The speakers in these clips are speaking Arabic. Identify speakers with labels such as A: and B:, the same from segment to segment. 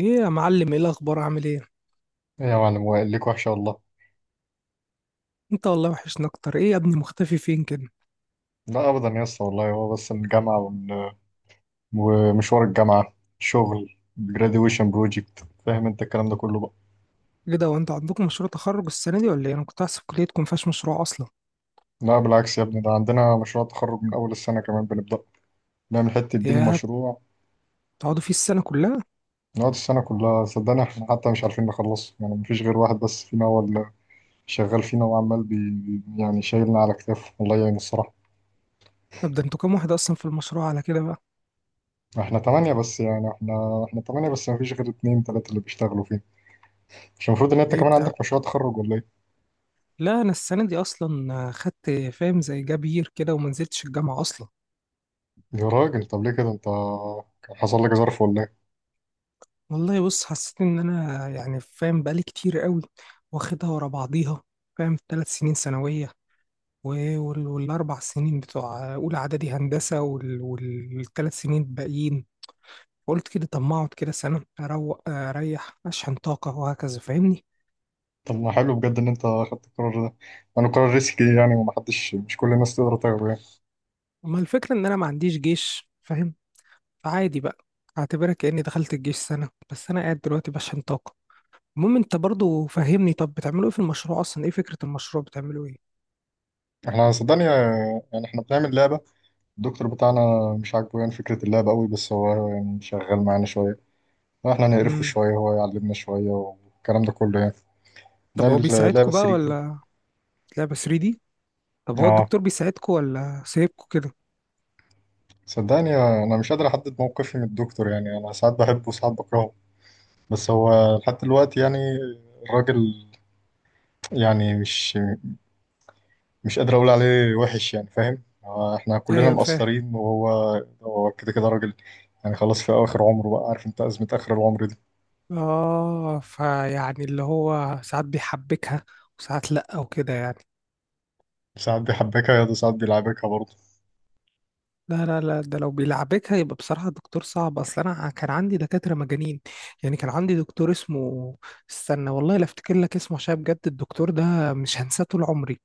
A: ايه يا معلم، ايه الاخبار؟ عامل ايه؟
B: إيه يا معلم وائل ليك وحشة والله.
A: انت والله وحشنا اكتر. ايه يا ابني، مختفي فين كده؟
B: لا أبدا يا اسطى والله، هو بس الجامعة ومشوار الجامعة، شغل، graduation project، فاهم أنت الكلام ده كله بقى.
A: ايه ده، وانت عندكم مشروع تخرج السنه دي ولا ايه؟ انا كنت احسب كليتكم مفيهاش مشروع اصلا.
B: لا بالعكس يا ابني، ده عندنا مشروع تخرج من أول السنة كمان بنبدأ نعمل حتة دين
A: يا
B: مشروع.
A: بتقعدوا فيه السنه كلها؟
B: نقعد السنة كلها، صدقني احنا حتى مش عارفين نخلصه، يعني مفيش غير واحد بس فينا هو اللي شغال فينا وعمال يعني شايلنا على كتافه، والله يعين الصراحة.
A: طب ده انتوا كام واحد اصلا في المشروع على كده بقى؟
B: احنا تمانية بس، يعني احنا تمانية بس مفيش غير اتنين تلاتة اللي بيشتغلوا فيه. مش المفروض ان انت
A: ايه
B: كمان
A: بتاع.
B: عندك مشروع تخرج ولا ايه؟
A: لا، انا السنه دي اصلا خدت، فاهم، زي جابير كده، وما نزلتش الجامعه اصلا.
B: يا راجل طب ليه كده انت، كان حصل لك ظرف ولا ايه؟
A: والله بص، حسيت ان انا، يعني، فاهم، بقالي كتير قوي واخدها ورا بعضيها، فاهم؟ ثلاث سنين ثانويه، والأربع سنين بتوع أولى إعدادي هندسة، والثلاث سنين الباقيين. قلت كده طب ما أقعد كده سنة أروق أريح أشحن طاقة وهكذا، فاهمني؟
B: طب ما حلو بجد ان انت خدت القرار ده، انا قرار ريسكي يعني، وما حدش مش كل الناس تقدر تاخده يعني.
A: أما الفكرة إن أنا ما عنديش جيش، فاهم، فعادي بقى. أعتبرها كأني دخلت الجيش سنة، بس أنا قاعد دلوقتي بشحن طاقة. المهم أنت برضو، فهمني، طب بتعملوا إيه في المشروع أصلا؟ إيه فكرة المشروع؟ بتعملوا إيه؟
B: احنا صدقني آه، يعني احنا بنعمل لعبه. الدكتور بتاعنا مش عاجبه يعني فكره اللعبه قوي، بس هو يعني شغال معانا شويه، احنا نقرفه
A: مم.
B: شويه هو يعلمنا شويه والكلام ده كله يعني.
A: طب هو
B: بنعمل لعبه
A: بيساعدكوا بقى
B: 3D دي.
A: ولا؟ لعبة 3D؟ طب هو
B: اه
A: الدكتور بيساعدكوا ولا سايبكوا كده؟
B: صدقني آه، انا مش قادر احدد موقفي من الدكتور، يعني انا ساعات بحبه وساعات بكرهه، بس هو لحد دلوقتي يعني الراجل يعني مش قادر اقول عليه وحش يعني، فاهم، هو احنا كلنا
A: أيوه، فاهم.
B: مقصرين وهو هو كده كده راجل، يعني خلاص في اخر عمره بقى، عارف انت ازمه اخر العمر دي.
A: اه، فيعني اللي هو ساعات بيحبكها وساعات لأ وكده يعني.
B: ساعات بيحبكها يا ساعات بيلعبكها برضه.
A: لا لا لا، ده لو بيلعبكها يبقى بصراحة دكتور صعب. أصل أنا كان عندي دكاترة مجانين. يعني كان عندي دكتور اسمه، استنى والله لا أفتكر لك اسمه، عشان بجد الدكتور ده مش هنساه طول عمري.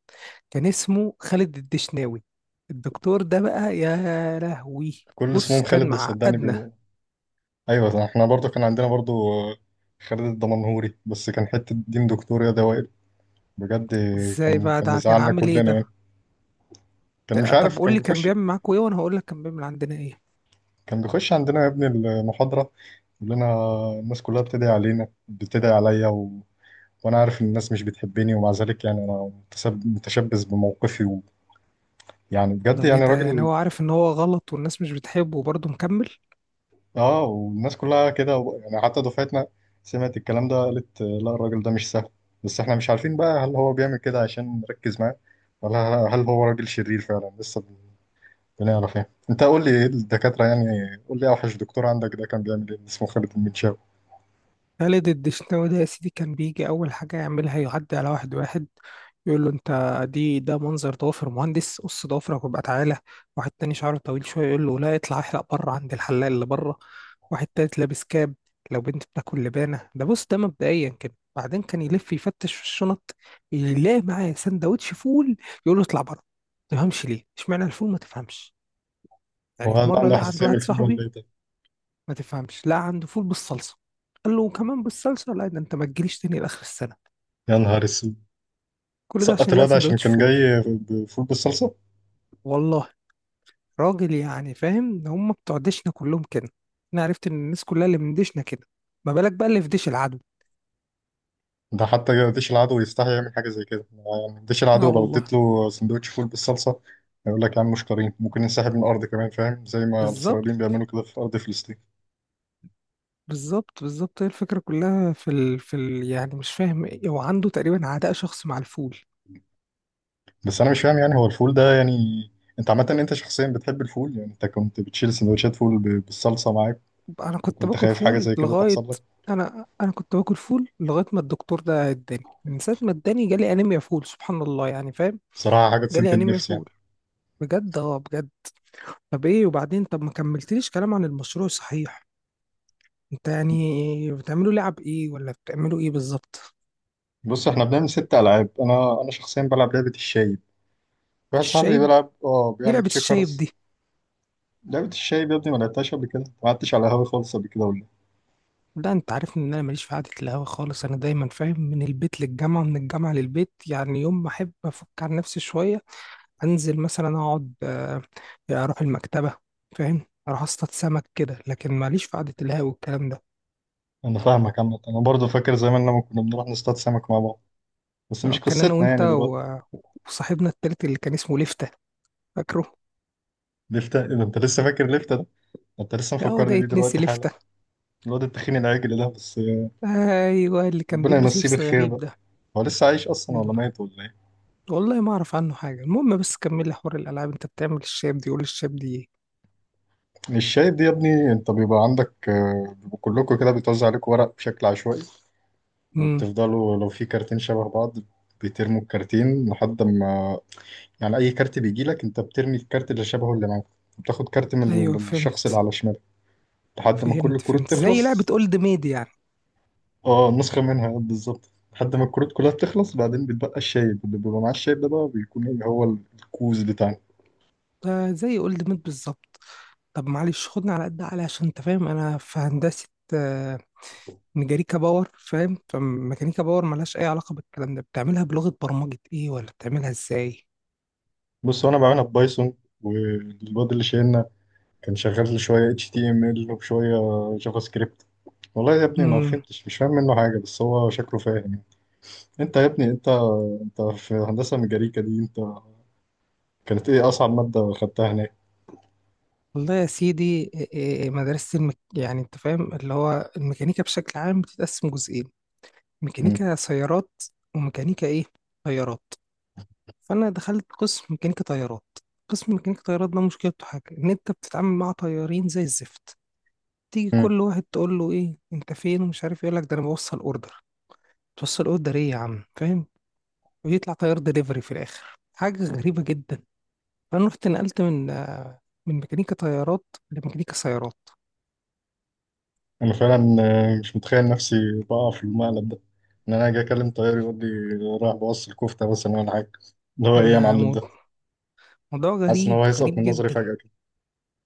A: كان اسمه خالد الدشناوي. الدكتور ده بقى، يا لهوي،
B: كل
A: بص
B: اسمهم خالد
A: كان
B: ده صدقني
A: معقدنا.
B: بيبقوا، ايوه ده احنا برضه كان عندنا برضه آه، خالد الدمنهوري بس كان حته دين دكتور يا دوائر، بجد.
A: ازاي
B: كان
A: بقى؟
B: كان
A: ده كان
B: مزعلنا
A: عامل ايه
B: كلنا
A: ده؟
B: يعني، كان مش
A: طب
B: عارف
A: قول
B: كان
A: لي كان
B: بيخش.
A: بيعمل معاكوا ايه، وانا هقول لك كان بيعمل عندنا ايه.
B: كان بيخش عندنا يا ابني المحاضره يقول لنا الناس كلها بتدعي علينا، بتدعي عليا، وانا عارف ان الناس مش بتحبني، ومع ذلك يعني انا متشبث بموقفي، ويعني بجد
A: طب ايه
B: يعني
A: ده، يعني
B: راجل.
A: هو عارف ان هو غلط والناس مش بتحبه وبرضه مكمل؟
B: اه والناس كلها كده يعني حتى دفعتنا سمعت الكلام ده قالت آه، لا الراجل ده مش سهل، بس احنا مش عارفين بقى هل هو بيعمل كده عشان نركز معاه، ولا هل هو راجل شرير فعلا؟ لسه بنعرف يعني. انت قول لي ايه الدكاترة يعني، قول لي اوحش دكتور عندك ده كان بيعمل ايه؟ اسمه خالد المنشاوي؟
A: خالد الدشناوي ده يا سيدي، كان بيجي اول حاجه يعملها يعدي على واحد واحد يقول له، انت دي، ده منظر ضوافر مهندس؟ قص ضوافرك وابقى تعالى. واحد تاني شعره طويل شويه يقول له، لا اطلع احلق بره عند الحلاق اللي بره. واحد تالت لابس كاب. لو بنت بتاكل لبانه، ده بص ده مبدئيا كده. بعدين كان يلف يفتش في الشنط، يلاقي معاه سندوتش فول يقول له اطلع بره. ما تفهمش ليه. اشمعنى الفول؟ ما تفهمش. يعني
B: هو
A: في
B: هذا
A: مره
B: عنده
A: لقى عند
B: حساسية من
A: واحد
B: الفول ولا
A: صاحبي،
B: ايه ده؟
A: ما تفهمش، لا عنده فول بالصلصه. قال له، كمان بالصلصه؟ لا ده انت ما تجيليش تاني لاخر السنه.
B: يا نهار اسود،
A: كل ده
B: سقط
A: عشان لا
B: الواد عشان
A: سندوتش
B: كان
A: فول.
B: جاي بفول بالصلصة.
A: والله. راجل، يعني، فاهم، هم بتوع دشنا كلهم كده. انا عرفت ان الناس كلها اللي من دشنا كده، ما بالك بقى اللي في ديش العدو.
B: ده حتى ديش العدو يستحي يعمل حاجة زي كده، يعني ديش
A: اه
B: العدو لو
A: والله.
B: اديت له سندوتش فول بالصلصة هيقول لك يا عم مش كريم، ممكن ينسحب من الأرض كمان، فاهم زي ما
A: بالظبط،
B: الإسرائيليين بيعملوا كده في أرض فلسطين.
A: بالظبط، بالظبط. هي الفكره كلها يعني مش فاهم، ايه هو عنده تقريبا عداء شخصي مع الفول.
B: بس أنا مش فاهم يعني هو الفول ده يعني، أنت عامة أنت شخصيا بتحب الفول؟ يعني أنت كنت بتشيل سندوتشات فول بالصلصة معاك،
A: انا كنت
B: وكنت
A: باكل
B: خايف حاجة
A: فول
B: زي كده
A: لغايه.
B: تحصل لك؟
A: انا كنت باكل فول لغايه ما الدكتور ده اداني. من ساعه ما اداني جالي انيميا فول، سبحان الله، يعني فاهم.
B: بصراحة حاجة تسد
A: جالي انيميا
B: النفس يعني.
A: فول بجد، اه بجد. طب ايه وبعدين؟ طب ما كملتليش كلام عن المشروع صحيح. انت يعني بتعملوا لعب ايه ولا بتعملوا ايه بالظبط؟
B: بص احنا بنعمل ست ألعاب، أنا شخصيا بلعب لعبة الشايب، واحد صاحبي
A: الشايب؟
B: بيلعب اه
A: ايه
B: بيعمل
A: لعبة الشايب
B: تشيكرز.
A: دي؟
B: لعبة الشايب يا ابني ما لعبتهاش قبل كده؟ ما قعدتش على القهوة خالص قبل كده ولا؟
A: لا، انت عارفني ان انا ماليش في قعدة القهوة خالص. انا دايما، فاهم، من البيت للجامعة من الجامعة للبيت. يعني يوم ما احب افك عن نفسي شوية انزل مثلا اقعد، اروح المكتبة، فاهم، اروح اصطاد سمك كده، لكن ماليش في قعدة القهوة والكلام ده.
B: انا فاهمك عامة، انا برضو فاكر زمان لما كنا بنروح نصطاد سمك مع بعض، بس مش
A: كان انا
B: قصتنا
A: وانت
B: يعني دلوقتي.
A: وصاحبنا التالت اللي كان اسمه لفتة، فاكره؟
B: لفتة؟ إيه ده انت لسه فاكر لفتة ده؟ انت لسه
A: ده هو ده
B: مفكرني بيه
A: يتنسي
B: دلوقتي حالا،
A: لفتة؟
B: الواد التخين العجل ده بس.
A: ايوه، اللي كان
B: ربنا
A: بيلبس
B: يمسيه
A: لبس
B: بالخير
A: غريب
B: بقى،
A: ده.
B: هو لسه عايش اصلا ولا
A: يلا،
B: ميت ولا ايه؟
A: والله ما اعرف عنه حاجة. المهم بس كملي حوار الالعاب، انت بتعمل الشاب دي، قول الشاب دي ايه؟
B: مش شايف دي يا ابني، انت بيبقى عندك آه، بيبقوا كلكم كده بيتوزع عليكم ورق بشكل عشوائي،
A: امم.
B: وبتفضلوا لو في كارتين شبه بعض بترموا الكارتين، لحد ما يعني اي كارت بيجي لك انت بترمي الكارت اللي شبهه اللي معاك، بتاخد كارت من
A: ايوه
B: الشخص اللي
A: فهمت،
B: على شمالك، لحد ما كل
A: فهمت،
B: الكروت
A: فهمت، زي لعبة
B: تخلص.
A: اولد ميد يعني.
B: اه نسخة منها آه، بالظبط، لحد ما الكروت كلها بتخلص بعدين بيتبقى الشايب، اللي بيبقى معاه الشايب ده بقى بيكون ايه، هو الكوز بتاعنا.
A: آه، زي اولد ميد بالظبط. طب معلش، خدنا على قد عقلي، عشان انت فاهم انا في هندسة آه ميكانيكا باور، فاهم، فميكانيكا باور ملهاش اي علاقة بالكلام ده. بتعملها بلغة برمجة ايه، ولا بتعملها ازاي؟
B: بص انا بعملها ببايثون، والواد اللي شايلنا كان شغال لي شوية اتش تي ام ال وشوية جافا سكريبت، والله يا ابني ما
A: امم
B: فهمتش مش فاهم منه حاجة، بس هو شكله فاهم. انت يا ابني انت، انت في هندسة ميكانيكا دي انت كانت ايه اصعب مادة خدتها هناك؟
A: والله يا سيدي، يعني انت فاهم اللي هو الميكانيكا بشكل عام بتتقسم جزئين:
B: مم.
A: ميكانيكا سيارات، وميكانيكا ايه، طيارات. فانا دخلت قسم ميكانيكا طيارات. قسم ميكانيكا طيارات ده مشكلته حاجة، ان انت بتتعامل مع طيارين زي الزفت. تيجي كل واحد تقول له، ايه انت فين ومش عارف إيه، يقول لك ده انا بوصل اوردر. توصل اوردر ايه يا عم، فاهم؟ ويطلع طيار دليفري في الاخر، حاجة غريبة جدا. فانا رحت نقلت من من ميكانيكا طيارات لميكانيكا سيارات.
B: انا فعلا آه، مش متخيل نفسي بقع في المقلب ده، ان انا اجي اكلم طيار يقول لي رايح بوصل الكفته مثلا ولا حاجه، اللي هو
A: ده
B: ايه يا معلم ده،
A: موضوع
B: حاسس ان هو
A: غريب،
B: هيسقط
A: غريب
B: من نظري
A: جدا.
B: فجاه كده.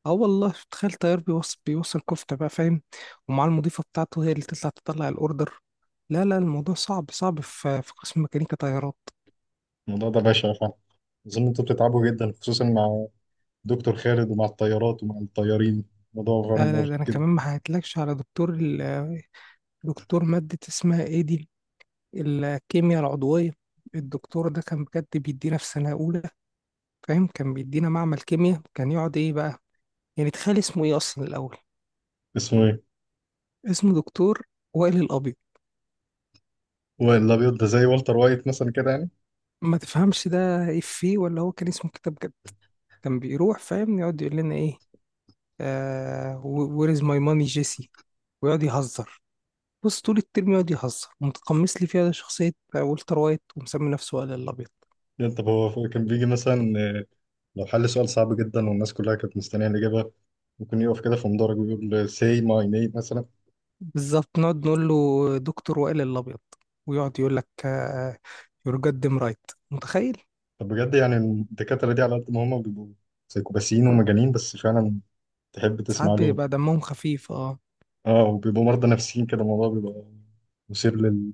A: اه والله، تخيل طيار بيوصل كفتة بقى، فاهم؟ ومع المضيفة بتاعته هي اللي تطلع الأوردر. لا لا، الموضوع صعب، صعب في قسم ميكانيكا طيارات.
B: الموضوع ده بشع فعلا، اظن انتوا بتتعبوا جدا خصوصا مع دكتور خالد ومع الطيارات ومع الطيارين، الموضوع فعلا
A: لا لا،
B: مرهق
A: ده أنا
B: جدا.
A: كمان ما حكيتلكش على دكتور دكتور مادة اسمها إيه دي، الكيمياء العضوية. الدكتور ده كان بجد بيدينا في سنة أولى، فاهم، كان بيدينا معمل كيمياء كان يقعد إيه بقى. يعني تخيل اسمه إيه أصلا الأول.
B: اسمه ايه؟
A: اسمه دكتور وائل الأبيض.
B: هو الابيض ده زي والتر وايت مثلا كده يعني؟
A: ما تفهمش ده إفيه، ولا هو كان اسمه كتاب. كان بيروح، فاهم، يقعد يقول لنا ايه، آه وير از ماي ماني جيسي. ويقعد يهزر. بص طول الترم يقعد يهزر، ومتقمص لي فيها شخصية والتر وايت، ومسمي نفسه وائل الأبيض.
B: يعني طب هو كان بيجي مثلا آه، لو حل سؤال صعب جدا والناس كلها كانت مستنيه الاجابه، ممكن يقف كده في مدرج ويقول say my name مثلا؟
A: بالظبط. نقعد نقول له، دكتور وائل الأبيض. ويقعد يقول لك، يور جاد رايت. متخيل؟
B: طب بجد يعني الدكاترة دي على قد ما هما بيبقوا سيكوباسيين ومجانين، بس فعلا تحب
A: ساعات
B: تسمع لهم.
A: بيبقى دمهم خفيف، اه.
B: اه وبيبقوا مرضى نفسيين كده، الموضوع بيبقى مثير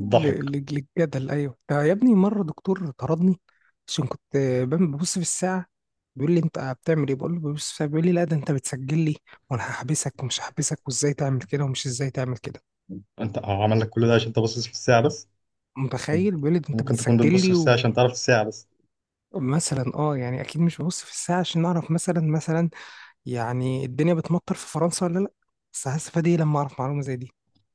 A: ل- ل- للجدل. ايوه ده يا ابني، مره دكتور طردني عشان كنت ببص في الساعه. بيقول لي، انت بتعمل ايه؟ بقول له، ببص في الساعه. بيقول لي، لا ده انت بتسجل لي، وانا هحبسك ومش هحبسك، وازاي تعمل كده ومش ازاي تعمل كده.
B: انت هو عمل لك كل ده عشان انت باصص في الساعة بس؟ كان-
A: متخيل؟ بيقول لي ده انت
B: ممكن تكون
A: بتسجل
B: بتبص في
A: لي.
B: الساعة عشان تعرف الساعة بس.
A: ومثلا، يعني اكيد مش ببص في الساعه عشان اعرف مثلا، يعني الدنيا بتمطر في فرنسا ولا لا. بس هستفاد ايه لما اعرف معلومه زي دي؟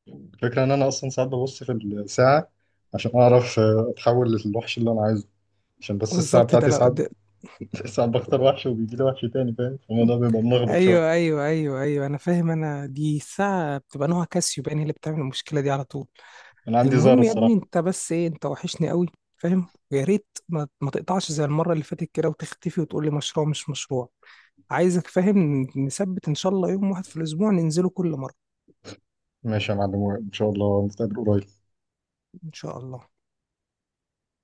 B: الفكرة ان انا اصلا ساعات ببص في الساعة عشان اعرف آه، اتحول للوحش اللي انا عايزه، عشان بس الساعة
A: بالظبط، ده
B: بتاعتي
A: لو
B: ساعات
A: ده.
B: ساعات بختار وحش وبيجي لي وحش تاني، فاهم الموضوع بيبقى ملخبط شوية.
A: ايوه ايوه ايوه ايوه، انا فاهم. انا دي الساعه بتبقى نوع كاسيو، باين هي اللي بتعمل المشكله دي على طول.
B: انا عندي زهرة
A: المهم يا ابني،
B: الصراحة.
A: انت بس ايه، انت وحشني قوي، فاهم؟ ويا ريت ما تقطعش زي المره اللي فاتت كده، وتختفي وتقول لي مشروع مش مشروع. عايزك، فاهم، نثبت ان شاء الله يوم واحد في الاسبوع ننزله كل مره.
B: ماشي يا معلم، ان شاء الله نتقابل قريب.
A: ان شاء الله.